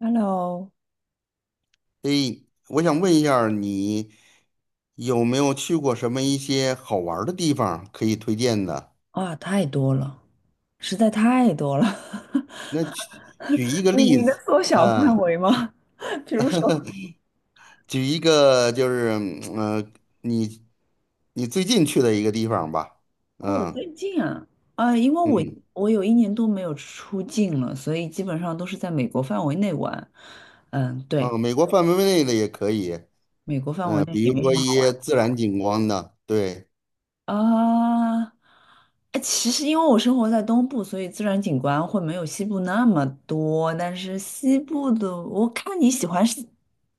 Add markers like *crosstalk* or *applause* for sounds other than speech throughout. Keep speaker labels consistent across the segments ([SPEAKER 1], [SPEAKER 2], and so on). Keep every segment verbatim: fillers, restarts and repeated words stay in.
[SPEAKER 1] Hello，
[SPEAKER 2] 诶，我想问一下儿你有没有去过什么一些好玩儿的地方可以推荐的？
[SPEAKER 1] 啊，太多了，实在太多了。
[SPEAKER 2] 那举举一
[SPEAKER 1] *laughs*
[SPEAKER 2] 个
[SPEAKER 1] 你
[SPEAKER 2] 例
[SPEAKER 1] 你能
[SPEAKER 2] 子，
[SPEAKER 1] 缩小范
[SPEAKER 2] 嗯，
[SPEAKER 1] 围吗？*laughs* 比如说
[SPEAKER 2] *laughs* 举一个就是，嗯呃你你最近去的一个地方吧，
[SPEAKER 1] *laughs*，哦，
[SPEAKER 2] 嗯
[SPEAKER 1] 最近啊，啊，因为我
[SPEAKER 2] 嗯，
[SPEAKER 1] 我有一年多没有出境了，所以基本上都是在美国范围内玩。嗯，对，
[SPEAKER 2] 啊，美国范围内的也可以，
[SPEAKER 1] 美国范围
[SPEAKER 2] 嗯，
[SPEAKER 1] 内
[SPEAKER 2] 比
[SPEAKER 1] 也
[SPEAKER 2] 如
[SPEAKER 1] 没什
[SPEAKER 2] 说
[SPEAKER 1] 么
[SPEAKER 2] 一
[SPEAKER 1] 好
[SPEAKER 2] 些
[SPEAKER 1] 玩。
[SPEAKER 2] 自然景观的，对
[SPEAKER 1] 啊，哎，其实因为我生活在东部，所以自然景观会没有西部那么多。但是西部的，我看你喜欢是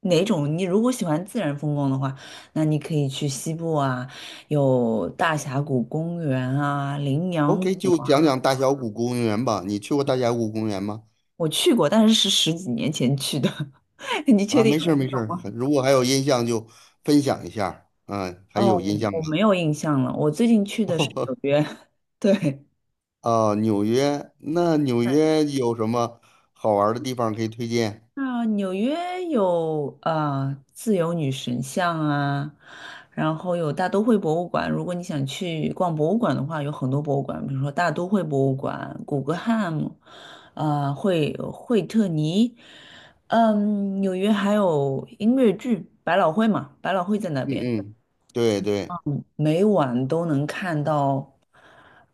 [SPEAKER 1] 哪种。你如果喜欢自然风光的话，那你可以去西部啊，有大峡谷公园啊、羚羊
[SPEAKER 2] ，O K，
[SPEAKER 1] 谷
[SPEAKER 2] 就
[SPEAKER 1] 啊。
[SPEAKER 2] 讲讲大峡谷公园吧。你去过大峡谷公园吗？
[SPEAKER 1] 我去过，但是是十几年前去的。*laughs* 你确
[SPEAKER 2] 啊，
[SPEAKER 1] 定
[SPEAKER 2] 没
[SPEAKER 1] 要
[SPEAKER 2] 事儿
[SPEAKER 1] 运
[SPEAKER 2] 没事
[SPEAKER 1] 动
[SPEAKER 2] 儿，
[SPEAKER 1] 吗？
[SPEAKER 2] 如果还有印象就分享一下儿。嗯，还
[SPEAKER 1] 哦，
[SPEAKER 2] 有印象
[SPEAKER 1] 我
[SPEAKER 2] 吗？
[SPEAKER 1] 没有印象了。我最近去的是
[SPEAKER 2] *laughs*
[SPEAKER 1] 纽约，*laughs* 对。
[SPEAKER 2] 哦，纽约，那纽约有什么好玩儿的地方可以推荐？
[SPEAKER 1] 啊，纽约有啊，自由女神像啊，然后有大都会博物馆。如果你想去逛博物馆的话，有很多博物馆，比如说大都会博物馆、古根汉姆，啊、惠惠特尼。嗯，纽约还有音乐剧百老汇嘛，百老汇在那边。
[SPEAKER 2] 嗯嗯，对对，
[SPEAKER 1] 每晚都能看到，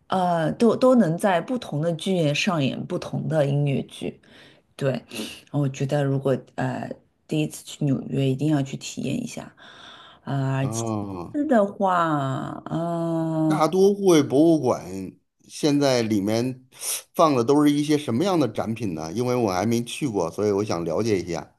[SPEAKER 1] 呃，都都能在不同的剧院上演不同的音乐剧。对，我觉得如果呃第一次去纽约，一定要去体验一下。啊、其
[SPEAKER 2] 哦，
[SPEAKER 1] 次的话，嗯、
[SPEAKER 2] 大都会博物馆现在里面放的都是一些什么样的展品呢？因为我还没去过，所以我想了解一下。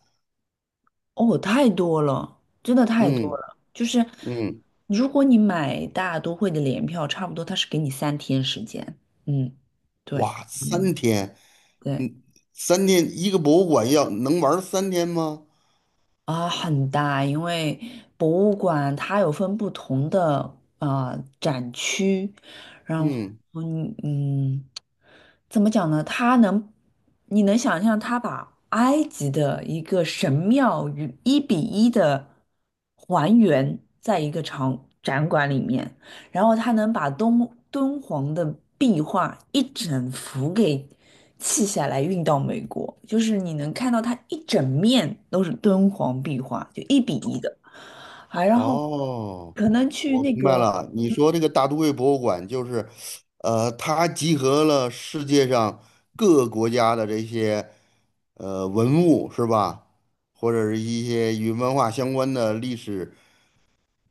[SPEAKER 1] 哦，太多了，真的太多
[SPEAKER 2] 嗯
[SPEAKER 1] 了。就是
[SPEAKER 2] 嗯，
[SPEAKER 1] 如果你买大都会的联票，差不多它是给你三天时间。嗯，对，
[SPEAKER 2] 哇，
[SPEAKER 1] 嗯，
[SPEAKER 2] 三天，
[SPEAKER 1] 对。
[SPEAKER 2] 嗯，三天一个博物馆要能玩儿三天吗？
[SPEAKER 1] 啊，很大，因为博物馆它有分不同的啊展区，然后
[SPEAKER 2] 嗯。
[SPEAKER 1] 嗯嗯，怎么讲呢？它能，你能想象它把埃及的一个神庙与一比一的还原在一个场展馆里面。然后他能把敦敦煌的壁画一整幅给砌下来运到美国，就是你能看到它一整面都是敦煌壁画，就一比一的，还然后
[SPEAKER 2] 哦，
[SPEAKER 1] 可能去
[SPEAKER 2] 我
[SPEAKER 1] 那
[SPEAKER 2] 明白
[SPEAKER 1] 个，
[SPEAKER 2] 了。你说这个大都会博物馆就是，呃，它集合了世界上各个国家的这些呃文物，是吧？或者是一些与文化相关的历史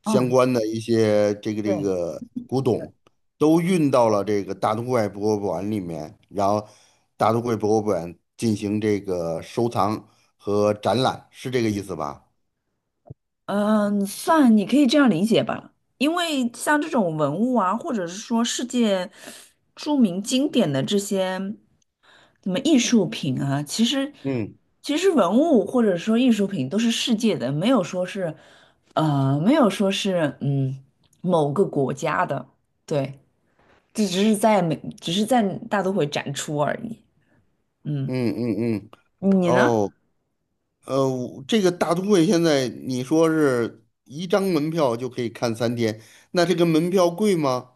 [SPEAKER 2] 相
[SPEAKER 1] 嗯，
[SPEAKER 2] 关的一些这个这
[SPEAKER 1] 对，
[SPEAKER 2] 个古董，都运到了这个大都会博物馆里面，然后大都会博物馆进行这个收藏和展览，是这个意思吧？
[SPEAKER 1] 嗯，算你可以这样理解吧，因为像这种文物啊，或者是说世界著名经典的这些什么艺术品啊，其实
[SPEAKER 2] 嗯
[SPEAKER 1] 其实文物或者说艺术品都是世界的，没有说是呃，没有说是嗯某个国家的，对，这只是在美，只是在大都会展出而已。嗯，
[SPEAKER 2] 嗯嗯嗯，
[SPEAKER 1] 你呢？
[SPEAKER 2] 哦。呃，这个大都会现在你说是一张门票就可以看三天，那这个门票贵吗？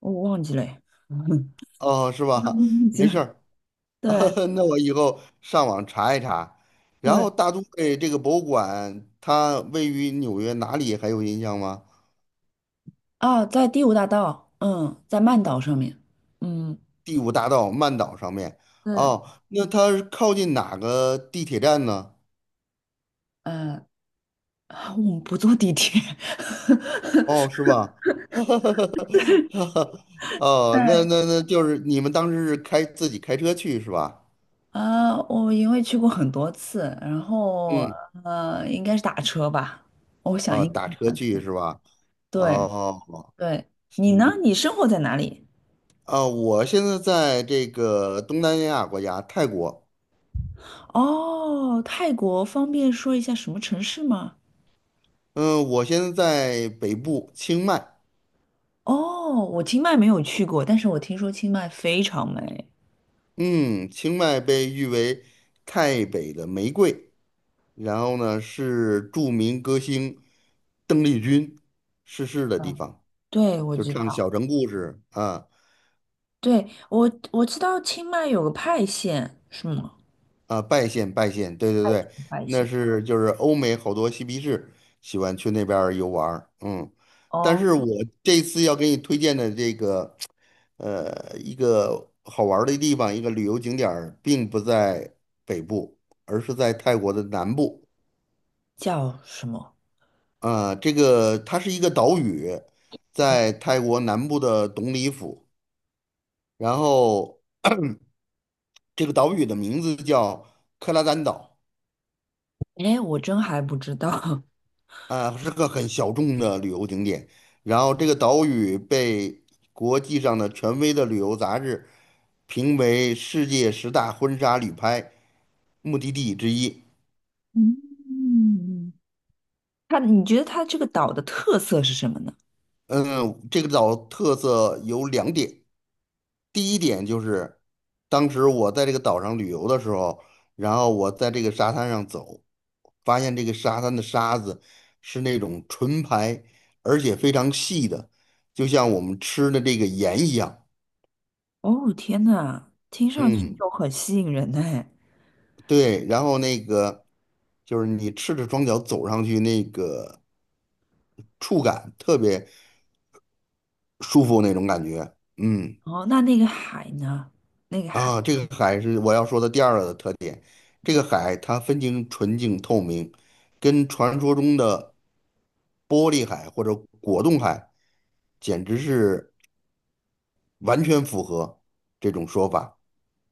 [SPEAKER 1] 我忘记了耶，*laughs* 忘
[SPEAKER 2] 哦，是吧？
[SPEAKER 1] 记
[SPEAKER 2] 没事
[SPEAKER 1] 了。
[SPEAKER 2] 儿，
[SPEAKER 1] 对
[SPEAKER 2] *laughs* 那我以后上网查一查。然
[SPEAKER 1] 对，
[SPEAKER 2] 后大都会这个博物馆，它位于纽约哪里还有印象吗？
[SPEAKER 1] 啊，在第五大道，嗯，在曼岛上面，嗯
[SPEAKER 2] 第五大道曼岛上面。
[SPEAKER 1] 对，
[SPEAKER 2] 哦，那它是靠近哪个地铁站呢？
[SPEAKER 1] 嗯，我们不坐地铁，
[SPEAKER 2] 哦，是吧？*laughs*
[SPEAKER 1] *laughs*
[SPEAKER 2] 哦，那
[SPEAKER 1] 对，
[SPEAKER 2] 那那就是你们当时是开自己开车去是吧？
[SPEAKER 1] 啊，我因为去过很多次，然后
[SPEAKER 2] 嗯。
[SPEAKER 1] 呃，应该是打车吧，我想
[SPEAKER 2] 啊，
[SPEAKER 1] 应该
[SPEAKER 2] 打
[SPEAKER 1] 是
[SPEAKER 2] 车
[SPEAKER 1] 打
[SPEAKER 2] 去
[SPEAKER 1] 车。
[SPEAKER 2] 是吧？
[SPEAKER 1] 对
[SPEAKER 2] 哦，
[SPEAKER 1] 对，你呢？
[SPEAKER 2] 行，
[SPEAKER 1] 你生活在哪里？
[SPEAKER 2] 啊，我现在在这个东南亚国家泰国，
[SPEAKER 1] 哦，泰国方便说一下什么城市吗？
[SPEAKER 2] 嗯，我现在在北部清迈，
[SPEAKER 1] 哦，我清迈没有去过，但是我听说清迈非常美。
[SPEAKER 2] 嗯，清迈被誉为泰北的玫瑰，然后呢是著名歌星邓丽君逝世的地
[SPEAKER 1] 嗯，
[SPEAKER 2] 方，
[SPEAKER 1] 对，我
[SPEAKER 2] 就
[SPEAKER 1] 知
[SPEAKER 2] 唱
[SPEAKER 1] 道，
[SPEAKER 2] 小城故事啊，
[SPEAKER 1] 对，我我知道清迈有个派县，是吗？
[SPEAKER 2] 啊，拜县拜县，对对对，
[SPEAKER 1] 快一
[SPEAKER 2] 那
[SPEAKER 1] 些，
[SPEAKER 2] 是就是欧美好多嬉皮士喜欢去那边儿游玩儿，嗯，但
[SPEAKER 1] 哦，
[SPEAKER 2] 是我这次要给你推荐的这个呃一个好玩儿的地方，一个旅游景点儿并不在北部，而是在泰国的南部。
[SPEAKER 1] 叫什么？
[SPEAKER 2] 啊，这个它是一个岛屿，
[SPEAKER 1] 嗯，
[SPEAKER 2] 在泰国南部的董里府，然后这个岛屿的名字叫克拉丹岛。
[SPEAKER 1] 哎，我真还不知道。
[SPEAKER 2] 啊，是个很小众的旅游景点。然后这个岛屿被国际上的权威的旅游杂志评为世界十大婚纱旅拍目的地之一。
[SPEAKER 1] *laughs* 嗯，它，你觉得它这个岛的特色是什么呢？
[SPEAKER 2] 嗯，这个岛特色有两点，第一点就是当时我在这个岛上旅游的时候，然后我在这个沙滩上走，发现这个沙滩的沙子是那种纯白，而且非常细的，就像我们吃的这个盐一样。
[SPEAKER 1] 哦，天呐，听上去
[SPEAKER 2] 嗯，
[SPEAKER 1] 就很吸引人哎。
[SPEAKER 2] 对，然后那个就是你赤着双脚走上去，那个触感特别舒服那种感觉。嗯，
[SPEAKER 1] 哦，那那个海呢？那个海，
[SPEAKER 2] 啊，这个海是我要说的第二个特点，这个海它分清纯净透明，跟传说中的玻璃海或者果冻海简直是完全符合这种说法。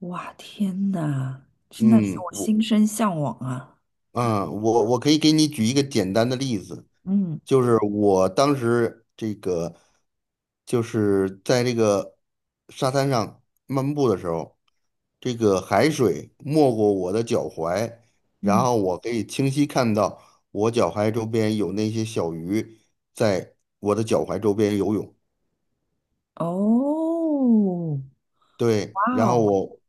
[SPEAKER 1] 哇，天呐，真的是
[SPEAKER 2] 嗯，
[SPEAKER 1] 我
[SPEAKER 2] 我
[SPEAKER 1] 心生向往啊。
[SPEAKER 2] 啊，我我可以给你举一个简单的例子，
[SPEAKER 1] 嗯
[SPEAKER 2] 就是我当时这个就是在这个沙滩上漫步的时候，这个海水没过我的脚踝，然
[SPEAKER 1] 嗯，
[SPEAKER 2] 后我可以清晰看到我脚踝周边有那些小鱼在我的脚踝周边游泳。
[SPEAKER 1] 哦，
[SPEAKER 2] 对，
[SPEAKER 1] 哇
[SPEAKER 2] 然后
[SPEAKER 1] 哦，
[SPEAKER 2] 我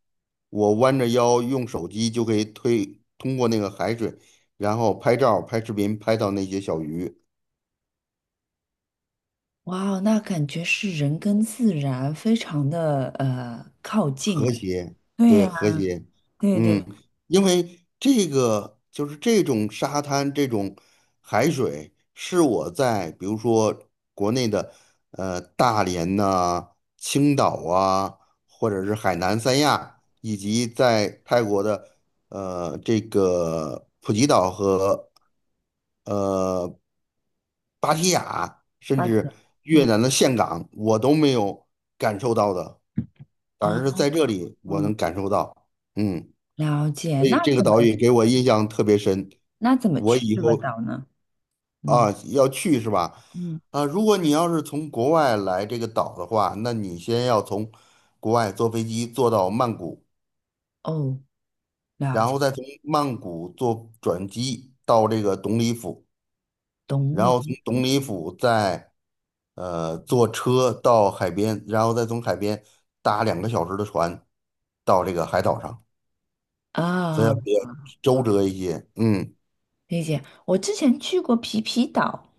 [SPEAKER 2] 我弯着腰用手机就可以推通过那个海水，然后拍照、拍视频，拍到那些小鱼。
[SPEAKER 1] 哇哦，那感觉是人跟自然非常的呃靠近
[SPEAKER 2] 和
[SPEAKER 1] 哎。
[SPEAKER 2] 谐，
[SPEAKER 1] 对
[SPEAKER 2] 对，
[SPEAKER 1] 呀，
[SPEAKER 2] 和谐，
[SPEAKER 1] 对对。
[SPEAKER 2] 嗯，因为这个就是这种沙滩、这种海水，是我在比如说国内的呃大连呐、青岛啊，或者是海南三亚，以及在泰国的呃这个普吉岛和。呃。芭提雅，甚
[SPEAKER 1] 八钱，
[SPEAKER 2] 至越
[SPEAKER 1] 嗯
[SPEAKER 2] 南的岘港，我都没有感受到的，反
[SPEAKER 1] 啊，
[SPEAKER 2] 而是在这里我
[SPEAKER 1] 嗯，
[SPEAKER 2] 能感受到。嗯，
[SPEAKER 1] 了解。
[SPEAKER 2] 所以
[SPEAKER 1] 那
[SPEAKER 2] 这个
[SPEAKER 1] 怎么
[SPEAKER 2] 岛屿给我印象特别深，
[SPEAKER 1] 那怎么
[SPEAKER 2] 我
[SPEAKER 1] 去
[SPEAKER 2] 以
[SPEAKER 1] 这个
[SPEAKER 2] 后
[SPEAKER 1] 岛呢？嗯
[SPEAKER 2] 啊要去是吧？
[SPEAKER 1] 嗯，
[SPEAKER 2] 啊，如果你要是从国外来这个岛的话，那你先要从国外坐飞机坐到曼谷，
[SPEAKER 1] 哦，
[SPEAKER 2] 然后再从曼谷坐转机到这个董里府。
[SPEAKER 1] 东
[SPEAKER 2] 然
[SPEAKER 1] 宁
[SPEAKER 2] 后从东里府再呃坐车到海边，然后再从海边搭两个小时的船到这个海岛上，所以要
[SPEAKER 1] 啊，
[SPEAKER 2] 比较周折一些。嗯
[SPEAKER 1] 理解。我之前去过皮皮岛，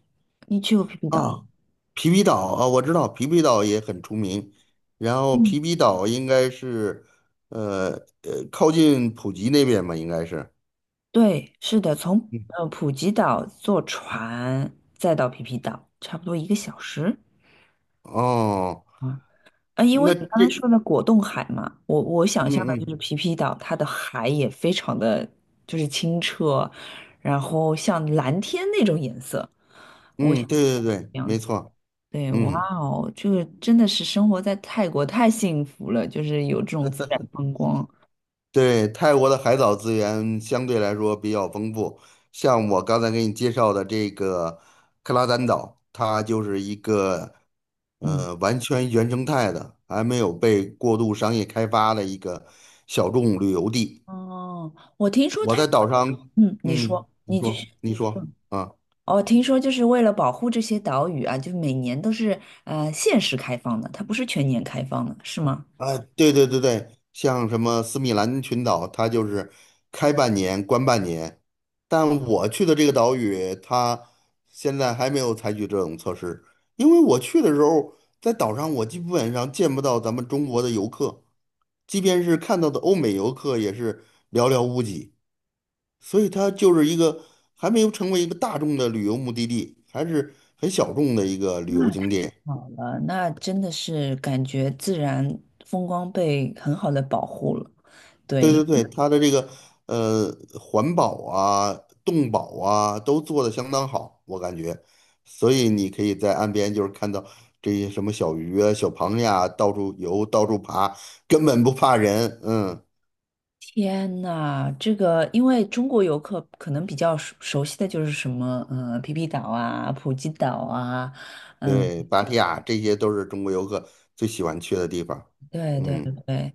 [SPEAKER 1] 你去过皮皮岛吗？
[SPEAKER 2] 啊，皮皮岛啊，我知道皮皮岛也很出名，然后
[SPEAKER 1] 嗯，
[SPEAKER 2] 皮皮岛应该是呃呃靠近普吉那边吧，应该是。
[SPEAKER 1] 对，是的，从
[SPEAKER 2] 嗯
[SPEAKER 1] 呃普吉岛坐船再到皮皮岛，差不多一个小时。
[SPEAKER 2] 哦，
[SPEAKER 1] 啊。啊，因为
[SPEAKER 2] 那
[SPEAKER 1] 你刚才
[SPEAKER 2] 这
[SPEAKER 1] 说的果冻海嘛，我我想
[SPEAKER 2] 嗯
[SPEAKER 1] 象的就
[SPEAKER 2] 嗯
[SPEAKER 1] 是皮皮岛，它的海也非常的就是清澈，然后像蓝天那种颜色，我想
[SPEAKER 2] 嗯，对对对，
[SPEAKER 1] 这样
[SPEAKER 2] 没
[SPEAKER 1] 子。
[SPEAKER 2] 错，
[SPEAKER 1] 对，哇
[SPEAKER 2] 嗯。
[SPEAKER 1] 哦，这个真的是生活在泰国太幸福了，就是有这种自然风光。
[SPEAKER 2] 对，泰国的海岛资源相对来说比较丰富，像我刚才给你介绍的这个克拉丹岛，它就是一个
[SPEAKER 1] 嗯，
[SPEAKER 2] 呃完全原生态的，还没有被过度商业开发的一个小众旅游地。
[SPEAKER 1] 哦，我听说
[SPEAKER 2] 我
[SPEAKER 1] 泰，
[SPEAKER 2] 在岛上，
[SPEAKER 1] 嗯，你
[SPEAKER 2] 嗯，
[SPEAKER 1] 说，
[SPEAKER 2] 你
[SPEAKER 1] 你继续。
[SPEAKER 2] 说，你说
[SPEAKER 1] 嗯，
[SPEAKER 2] 啊。
[SPEAKER 1] 哦，听说就是为了保护这些岛屿啊，就每年都是呃限时开放的，它不是全年开放的，是吗？
[SPEAKER 2] 啊，对对对对，像什么斯米兰群岛，它就是开半年关半年，但我去的这个岛屿，它现在还没有采取这种措施，因为我去的时候，在岛上我基本上见不到咱们中国的游客，即便是看到的欧美游客也是寥寥无几，所以它就是一个还没有成为一个大众的旅游目的地，还是很小众的一个旅游
[SPEAKER 1] 那太
[SPEAKER 2] 景点。
[SPEAKER 1] 好了，那真的是感觉自然风光被很好的保护了。
[SPEAKER 2] 对
[SPEAKER 1] 对，
[SPEAKER 2] 对对，它的这个呃环保啊、动保啊都做的相当好，我感觉，所以你可以在岸边就是看到这些什么小鱼啊、小螃蟹啊，到处游、到处爬，根本不怕人。嗯，
[SPEAKER 1] 天呐，这个因为中国游客可能比较熟熟悉的就是什么，呃，皮皮岛啊、普吉岛啊，嗯，
[SPEAKER 2] 对，芭提雅这些都是中国游客最喜欢去的地方。
[SPEAKER 1] 对对
[SPEAKER 2] 嗯，
[SPEAKER 1] 对。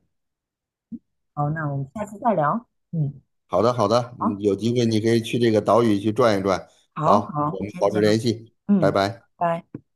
[SPEAKER 1] 好，那我们下次再聊。嗯，
[SPEAKER 2] 好的好的，嗯
[SPEAKER 1] 好，
[SPEAKER 2] 有机会你可以去这个岛屿去转一转。
[SPEAKER 1] 好，
[SPEAKER 2] 好，我
[SPEAKER 1] 好，
[SPEAKER 2] 们
[SPEAKER 1] 先
[SPEAKER 2] 保
[SPEAKER 1] 这
[SPEAKER 2] 持
[SPEAKER 1] 样，
[SPEAKER 2] 联系，拜
[SPEAKER 1] 嗯，
[SPEAKER 2] 拜。
[SPEAKER 1] 拜。